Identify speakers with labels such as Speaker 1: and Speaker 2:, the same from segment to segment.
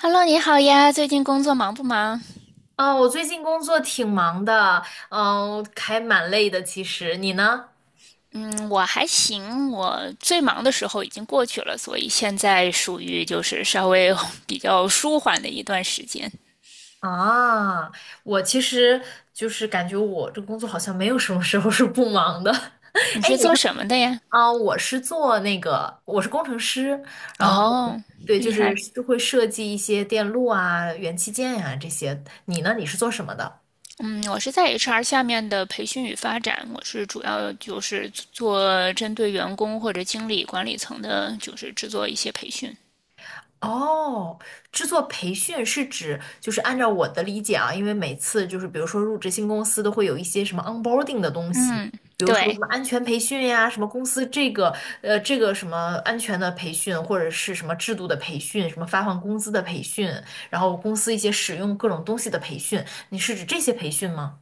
Speaker 1: Hello，你好呀，最近工作忙不忙？
Speaker 2: 嗯，我最近工作挺忙的，还蛮累的。其实你呢？
Speaker 1: 嗯，我还行，我最忙的时候已经过去了，所以现在属于就是稍微 比较舒缓的一段时间。
Speaker 2: 啊，我其实感觉我这工作好像没有什么时候是不忙的。
Speaker 1: 你
Speaker 2: 哎，
Speaker 1: 是
Speaker 2: 你
Speaker 1: 做
Speaker 2: 是
Speaker 1: 什么的呀？
Speaker 2: 啊，我是做那个，我是工程师，然后
Speaker 1: 哦，
Speaker 2: 对，就
Speaker 1: 厉
Speaker 2: 是
Speaker 1: 害。
Speaker 2: 会设计一些电路啊、元器件呀、这些。你呢？你是做什么的？
Speaker 1: 嗯，我是在 HR 下面的培训与发展，我是主要就是做针对员工或者经理管理层的，就是制作一些培训。
Speaker 2: 哦，制作培训是指就是按照我的理解啊，因为每次就是比如说入职新公司都会有一些什么 onboarding 的东西，
Speaker 1: 嗯，
Speaker 2: 比如说什
Speaker 1: 对。
Speaker 2: 么安全培训呀，什么公司这个这个什么安全的培训，或者是什么制度的培训，什么发放工资的培训，然后公司一些使用各种东西的培训，你是指这些培训吗？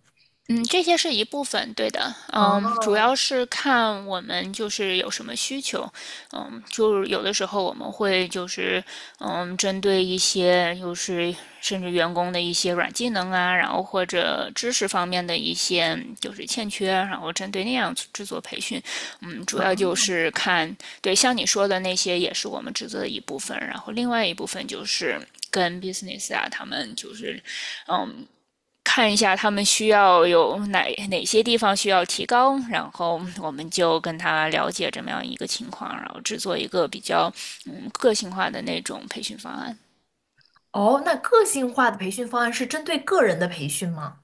Speaker 1: 嗯，这些是一部分，对的，嗯，主
Speaker 2: 哦，
Speaker 1: 要是看我们就是有什么需求，嗯，就是有的时候我们会就是，嗯，针对一些就是甚至员工的一些软技能啊，然后或者知识方面的一些就是欠缺，然后针对那样制作培训，嗯，主要就是看，对，像你说的那些也是我们职责的一部分，然后另外一部分就是。跟 business 啊，他们就是，嗯，看一下他们需要有哪些地方需要提高，然后我们就跟他了解这么样一个情况，然后制作一个比较个性化的那种培训方案。
Speaker 2: 哦，那个性化的培训方案是针对个人的培训吗？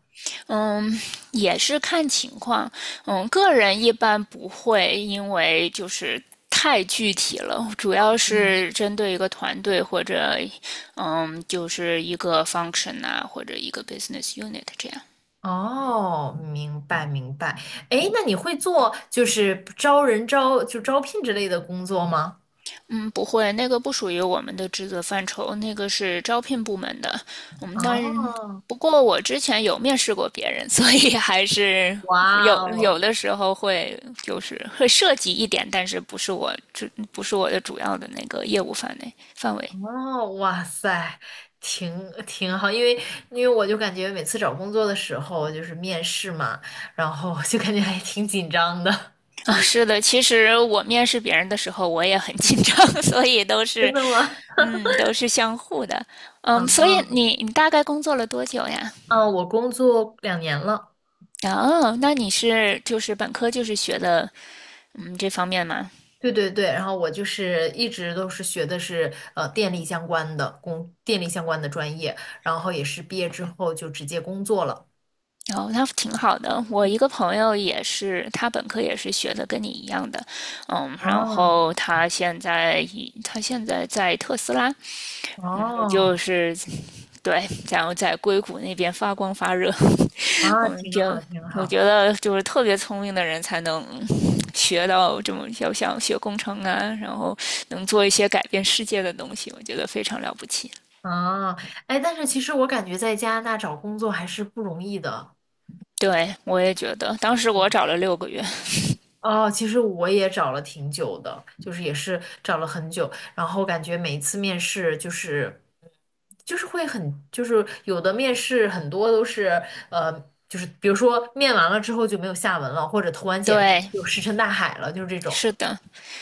Speaker 1: 嗯，也是看情况。嗯，个人一般不会，因为就是太具体了，主要是针对一个团队或者就是一个 function 啊，或者一个 business unit 这样。
Speaker 2: 哦，明白明白。哎，那你会做就是招人招就招聘之类的工作吗？
Speaker 1: 嗯，不会，那个不属于我们的职责范畴，那个是招聘部门的。我们当然，
Speaker 2: 哦，
Speaker 1: 不过我之前有面试过别人，所以还是
Speaker 2: 哇
Speaker 1: 有有
Speaker 2: 哦，
Speaker 1: 的时候会就是会涉及一点，但是不是我的主要的那个业务范围。
Speaker 2: 哦，哇塞，挺好，因为我就感觉每次找工作的时候就是面试嘛，然后就感觉还挺紧张的。
Speaker 1: 哦，是的，其实我面试别人的时候我也很紧张，所以都
Speaker 2: 真
Speaker 1: 是，
Speaker 2: 的吗？
Speaker 1: 嗯，都是相互的。嗯，所以你大概工作了多久呀？
Speaker 2: 啊，我工作2年了。
Speaker 1: 哦，那你是就是本科就是学的，嗯，这方面吗？
Speaker 2: 对。然后我就是一直都是学的是电力相关的电力相关的专业，然后也是毕业之后就直接工作了。
Speaker 1: 哦，那挺好的。我一个朋友也是，他本科也是学的跟你一样的，嗯，然
Speaker 2: 啊，
Speaker 1: 后他现在在特斯拉，我就
Speaker 2: 哦，
Speaker 1: 是对，然后在硅谷那边发光发热。
Speaker 2: 啊，
Speaker 1: 我们
Speaker 2: 挺好，
Speaker 1: 就
Speaker 2: 挺
Speaker 1: 我觉
Speaker 2: 好。
Speaker 1: 得就是特别聪明的人才能学到这么要想学工程啊，然后能做一些改变世界的东西，我觉得非常了不起。
Speaker 2: 啊，哎，但是其实我感觉在加拿大找工作还是不容易的。
Speaker 1: 对，我也觉得，当时我找了6个月。
Speaker 2: 哦，其实我也找了挺久的，就是也是找了很久，然后感觉每一次面试就是，就是会很，就是有的面试很多都是，呃，就是比如说面完了之后就没有下文了，或者投完简历
Speaker 1: 对，
Speaker 2: 就石沉大海了，就是这种。
Speaker 1: 是的，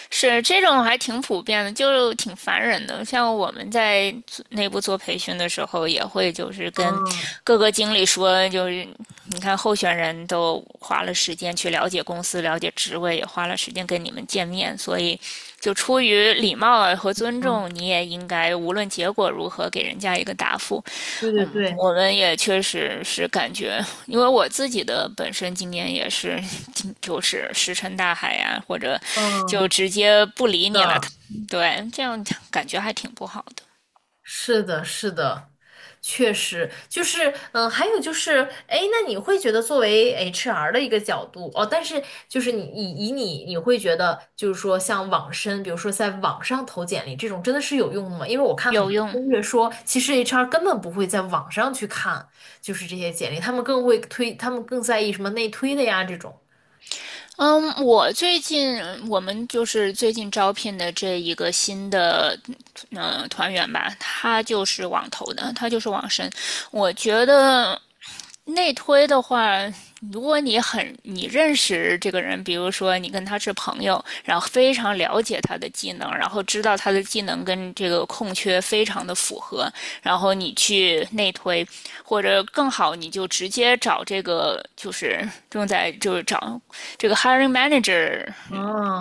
Speaker 1: 是这种还挺普遍的，就挺烦人的。像我们在内部做培训的时候，也会就是跟
Speaker 2: 嗯
Speaker 1: 各个经理说，就是你看候选人都花了时间去了解公司、了解职位，也花了时间跟你们见面，所以就出于礼貌啊和尊
Speaker 2: 嗯，
Speaker 1: 重，你也应该无论结果如何给人家一个答复。
Speaker 2: 对对
Speaker 1: 嗯，
Speaker 2: 对，
Speaker 1: 我们也确实是感觉，因为我自己的本身经验也是，就是石沉大海呀、啊或者
Speaker 2: 嗯，
Speaker 1: 就直接不理
Speaker 2: 是
Speaker 1: 你了。
Speaker 2: 的。
Speaker 1: 对，这样感觉还挺不好的。
Speaker 2: 是的，是的，确实就是，还有就是，哎，那你会觉得作为 HR 的一个角度，哦，但是就是你以以你你会觉得，就是说像网申，比如说在网上投简历这种，真的是有用的吗？因为我看很
Speaker 1: 有
Speaker 2: 多
Speaker 1: 用。
Speaker 2: 攻略说，其实 HR 根本不会在网上去看，就是这些简历，他们更会推，他们更在意什么内推的呀这种。
Speaker 1: 嗯，我们就是最近招聘的这一个新的团员吧，他就是网投的，他就是网申。我觉得内推的话，如果你认识这个人，比如说你跟他是朋友，然后非常了解他的技能，然后知道他的技能跟这个空缺非常的符合，然后你去内推，或者更好，你就直接找这个就是正在就是找这个 hiring manager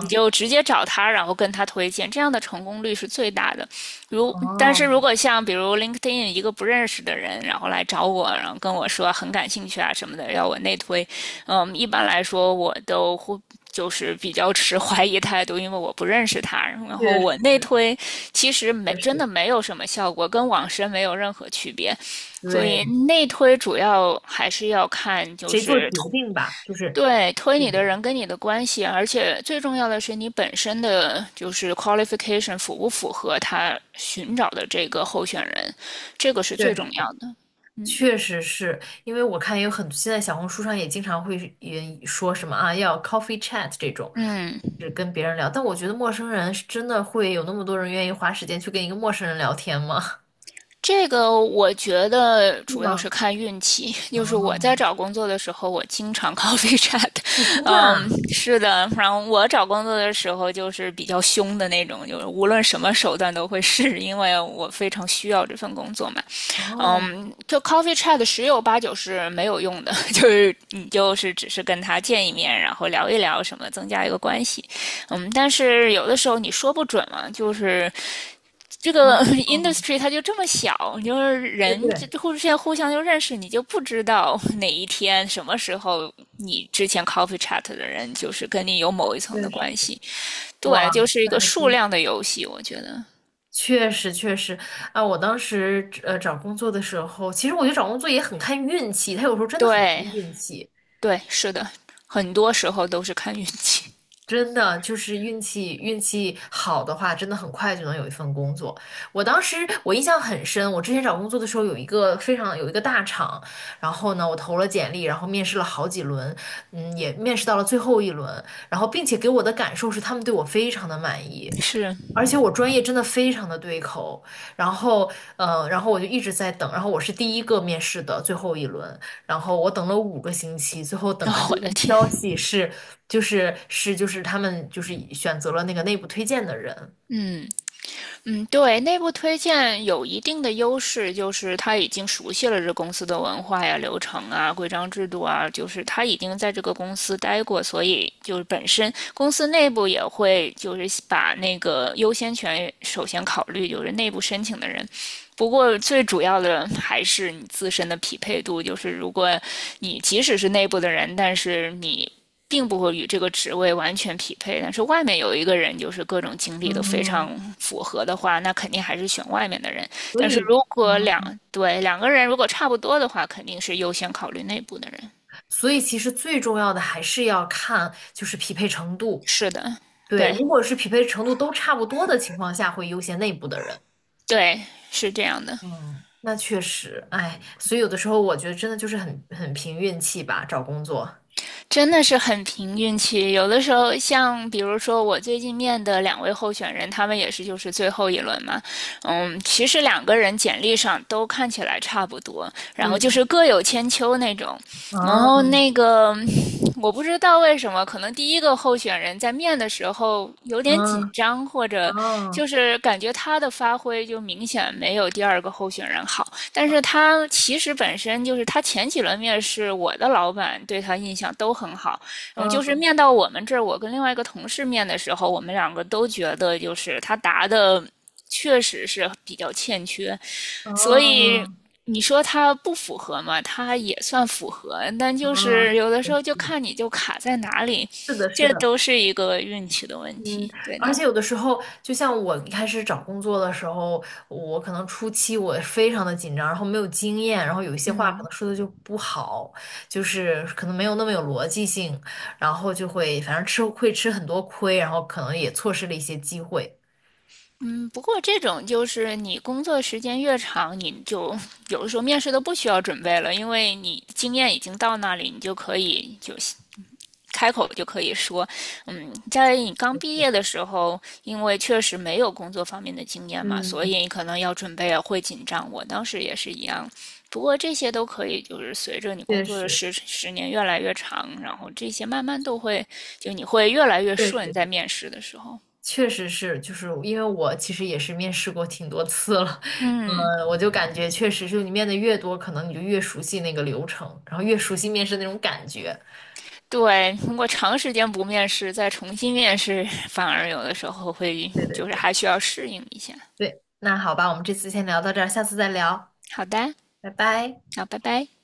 Speaker 1: 你就直接找他，然后跟他推荐，这样的成功率是最大的。但是如
Speaker 2: 哦，
Speaker 1: 果像比如 LinkedIn 一个不认识的人，然后来找我，然后跟我说很感兴趣啊什么的，要我内推，嗯，一般来说我都会就是比较持 怀疑态度，因为我不认识他。然后
Speaker 2: 确
Speaker 1: 我
Speaker 2: 实
Speaker 1: 内推其实
Speaker 2: 确
Speaker 1: 没真
Speaker 2: 实，
Speaker 1: 的没有什么效果，跟网申没有任何区别。所以
Speaker 2: 对，
Speaker 1: 内推主要还是要看就
Speaker 2: 谁做
Speaker 1: 是
Speaker 2: 决定吧，就是
Speaker 1: 对，推
Speaker 2: 对
Speaker 1: 你的
Speaker 2: 对。
Speaker 1: 人跟你的关系，而且最重要的是你本身的就是 qualification 符不符合他寻找的这个候选人，这个是
Speaker 2: 确
Speaker 1: 最重
Speaker 2: 实
Speaker 1: 要的。
Speaker 2: 确实是因为我看也有很，现在小红书上也经常会也说什么啊，要 coffee chat 这种，
Speaker 1: 嗯，
Speaker 2: 是跟别人聊。但我觉得陌生人是真的会有那么多人愿意花时间去跟一个陌生人聊天吗？
Speaker 1: 这个我觉得
Speaker 2: 是
Speaker 1: 主要是
Speaker 2: 吗？
Speaker 1: 看运气。就是我在
Speaker 2: 哦，
Speaker 1: 找工作的时候，我经常 coffee chat。
Speaker 2: 哦，真的
Speaker 1: 嗯，
Speaker 2: 啊？
Speaker 1: 是的，然后我找工作的时候就是比较凶的那种，就是无论什么手段都会试，因为我非常需要这份工作嘛。
Speaker 2: 哦，
Speaker 1: 嗯，就 coffee chat 十有八九是没有用的，就是你就是只是跟他见一面，然后聊一聊什么，增加一个关系。嗯，但是有的时候你说不准嘛，就是这
Speaker 2: 哦，
Speaker 1: 个
Speaker 2: 哦，
Speaker 1: industry 它就这么小，就是
Speaker 2: 对
Speaker 1: 人
Speaker 2: 对，
Speaker 1: 互相就认识，你就不知道 哪一天什么时候你之前 coffee chat 的人就是跟你有某一层
Speaker 2: 对
Speaker 1: 的
Speaker 2: 是，
Speaker 1: 关系。
Speaker 2: 哇，
Speaker 1: 对，就是一
Speaker 2: 那
Speaker 1: 个
Speaker 2: 还
Speaker 1: 数
Speaker 2: 真。
Speaker 1: 量的游戏，我觉得。
Speaker 2: 确实确实，啊，我当时找工作的时候，其实我觉得找工作也很看运气，他有时候真的很看
Speaker 1: 对，
Speaker 2: 运气。
Speaker 1: 对，是的，很多时候都是看运气。
Speaker 2: 真的就是运气，运气好的话，真的很快就能有一份工作。我当时我印象很深，我之前找工作的时候有一个非常有一个大厂，然后呢，我投了简历，然后面试了好几轮，嗯，也面试到了最后一轮，然后并且给我的感受是他们对我非常的满意，
Speaker 1: 是，
Speaker 2: 而且我专业真的非常的对口，然后然后我就一直在等，然后我是第一个面试的最后一轮，然后我等了5个星期，最后 等
Speaker 1: 哦，
Speaker 2: 来的
Speaker 1: 我
Speaker 2: 一
Speaker 1: 的
Speaker 2: 个
Speaker 1: 天，
Speaker 2: 消息是，他们就是选择了那个内部推荐的人，
Speaker 1: 嗯嗯，对，内部推荐有一定的优势，就是他已经熟悉了这公司的文化呀、流程啊、规章制度啊，就是他已经在这个公司待过，所以就是本身公司内部也会就是把那个优先权首先考虑，就是内部申请的人。不过最主要的还是你自身的匹配度，就是如果你即使是内部的人，但是你并不会与这个职位完全匹配，但是外面有一个人就是各种经历都非
Speaker 2: 嗯，
Speaker 1: 常符合的话，那肯定还是选外面的人。
Speaker 2: 所
Speaker 1: 但是
Speaker 2: 以，
Speaker 1: 如
Speaker 2: 嗯，
Speaker 1: 果对两个人如果差不多的话，肯定是优先考虑内部的人。
Speaker 2: 所以其实最重要的还是要看就是匹配程度。
Speaker 1: 是的，
Speaker 2: 对，
Speaker 1: 对
Speaker 2: 如果是匹配程度都差不多的情况下，会优先内部的人。
Speaker 1: 对，是这样的。
Speaker 2: 嗯，那确实，哎，所以有的时候我觉得真的就是很凭运气吧，找工作。
Speaker 1: 真的是很凭运气。有的时候，像比如说我最近面的两位候选人，他们也是就是最后一轮嘛，嗯，其实两个人简历上都看起来差不多，然后就
Speaker 2: 嗯，
Speaker 1: 是各有千秋那种。然后
Speaker 2: 嗯，
Speaker 1: 那个我不知道为什么，可能第一个候选人在面的时候有点紧
Speaker 2: 嗯，
Speaker 1: 张，或者
Speaker 2: 嗯，
Speaker 1: 就是感觉他的发挥就明显没有第二个候选人好。但是他其实本身就是他前几轮面试，我的老板对他印象都很好。嗯，就是
Speaker 2: 嗯，
Speaker 1: 面到我们这儿，我跟另外一个同事面的时候，我们两个都觉得就是他答的。确实是比较欠缺，所以
Speaker 2: 嗯。
Speaker 1: 你说它不符合嘛，它也算符合，但就
Speaker 2: 啊，
Speaker 1: 是有的时候就看你就卡在哪里，
Speaker 2: 是的，是
Speaker 1: 这
Speaker 2: 的，
Speaker 1: 都是一个运气的问
Speaker 2: 嗯，
Speaker 1: 题，对
Speaker 2: 而且
Speaker 1: 呢。
Speaker 2: 有的时候，就像我一开始找工作的时候，我可能初期我非常的紧张，然后没有经验，然后有一些话可
Speaker 1: 嗯
Speaker 2: 能说的就不好，就是可能没有那么有逻辑性，然后就会反正吃很多亏，然后可能也错失了一些机会。
Speaker 1: 嗯，不过这种就是你工作时间越长，你就有的时候面试都不需要准备了，因为你经验已经到那里，你就可以就行。开口就可以说，嗯，在你刚
Speaker 2: 就
Speaker 1: 毕业
Speaker 2: 是，
Speaker 1: 的时候，因为确实没有工作方面的经验嘛，所以
Speaker 2: 嗯，
Speaker 1: 你可能要准备啊会紧张。我当时也是一样，不过这些都可以，就是随着你工
Speaker 2: 确
Speaker 1: 作的
Speaker 2: 实，
Speaker 1: 十年越来越长，然后这些慢慢都会，就你会越来越
Speaker 2: 确
Speaker 1: 顺，
Speaker 2: 实。
Speaker 1: 在面试的时候。
Speaker 2: 确实是，就是因为我其实也是面试过挺多次了，
Speaker 1: 嗯，
Speaker 2: 嗯，我就感觉确实是你面的越多，可能你就越熟悉那个流程，然后越熟悉面试那种感觉。
Speaker 1: 对，通过长时间不面试，再重新面试，反而有的时候会
Speaker 2: 对对
Speaker 1: 就是
Speaker 2: 对，
Speaker 1: 还需要适应一下。
Speaker 2: 对，那好吧，我们这次先聊到这儿，下次再聊，
Speaker 1: 好的，
Speaker 2: 拜拜。
Speaker 1: 那拜拜。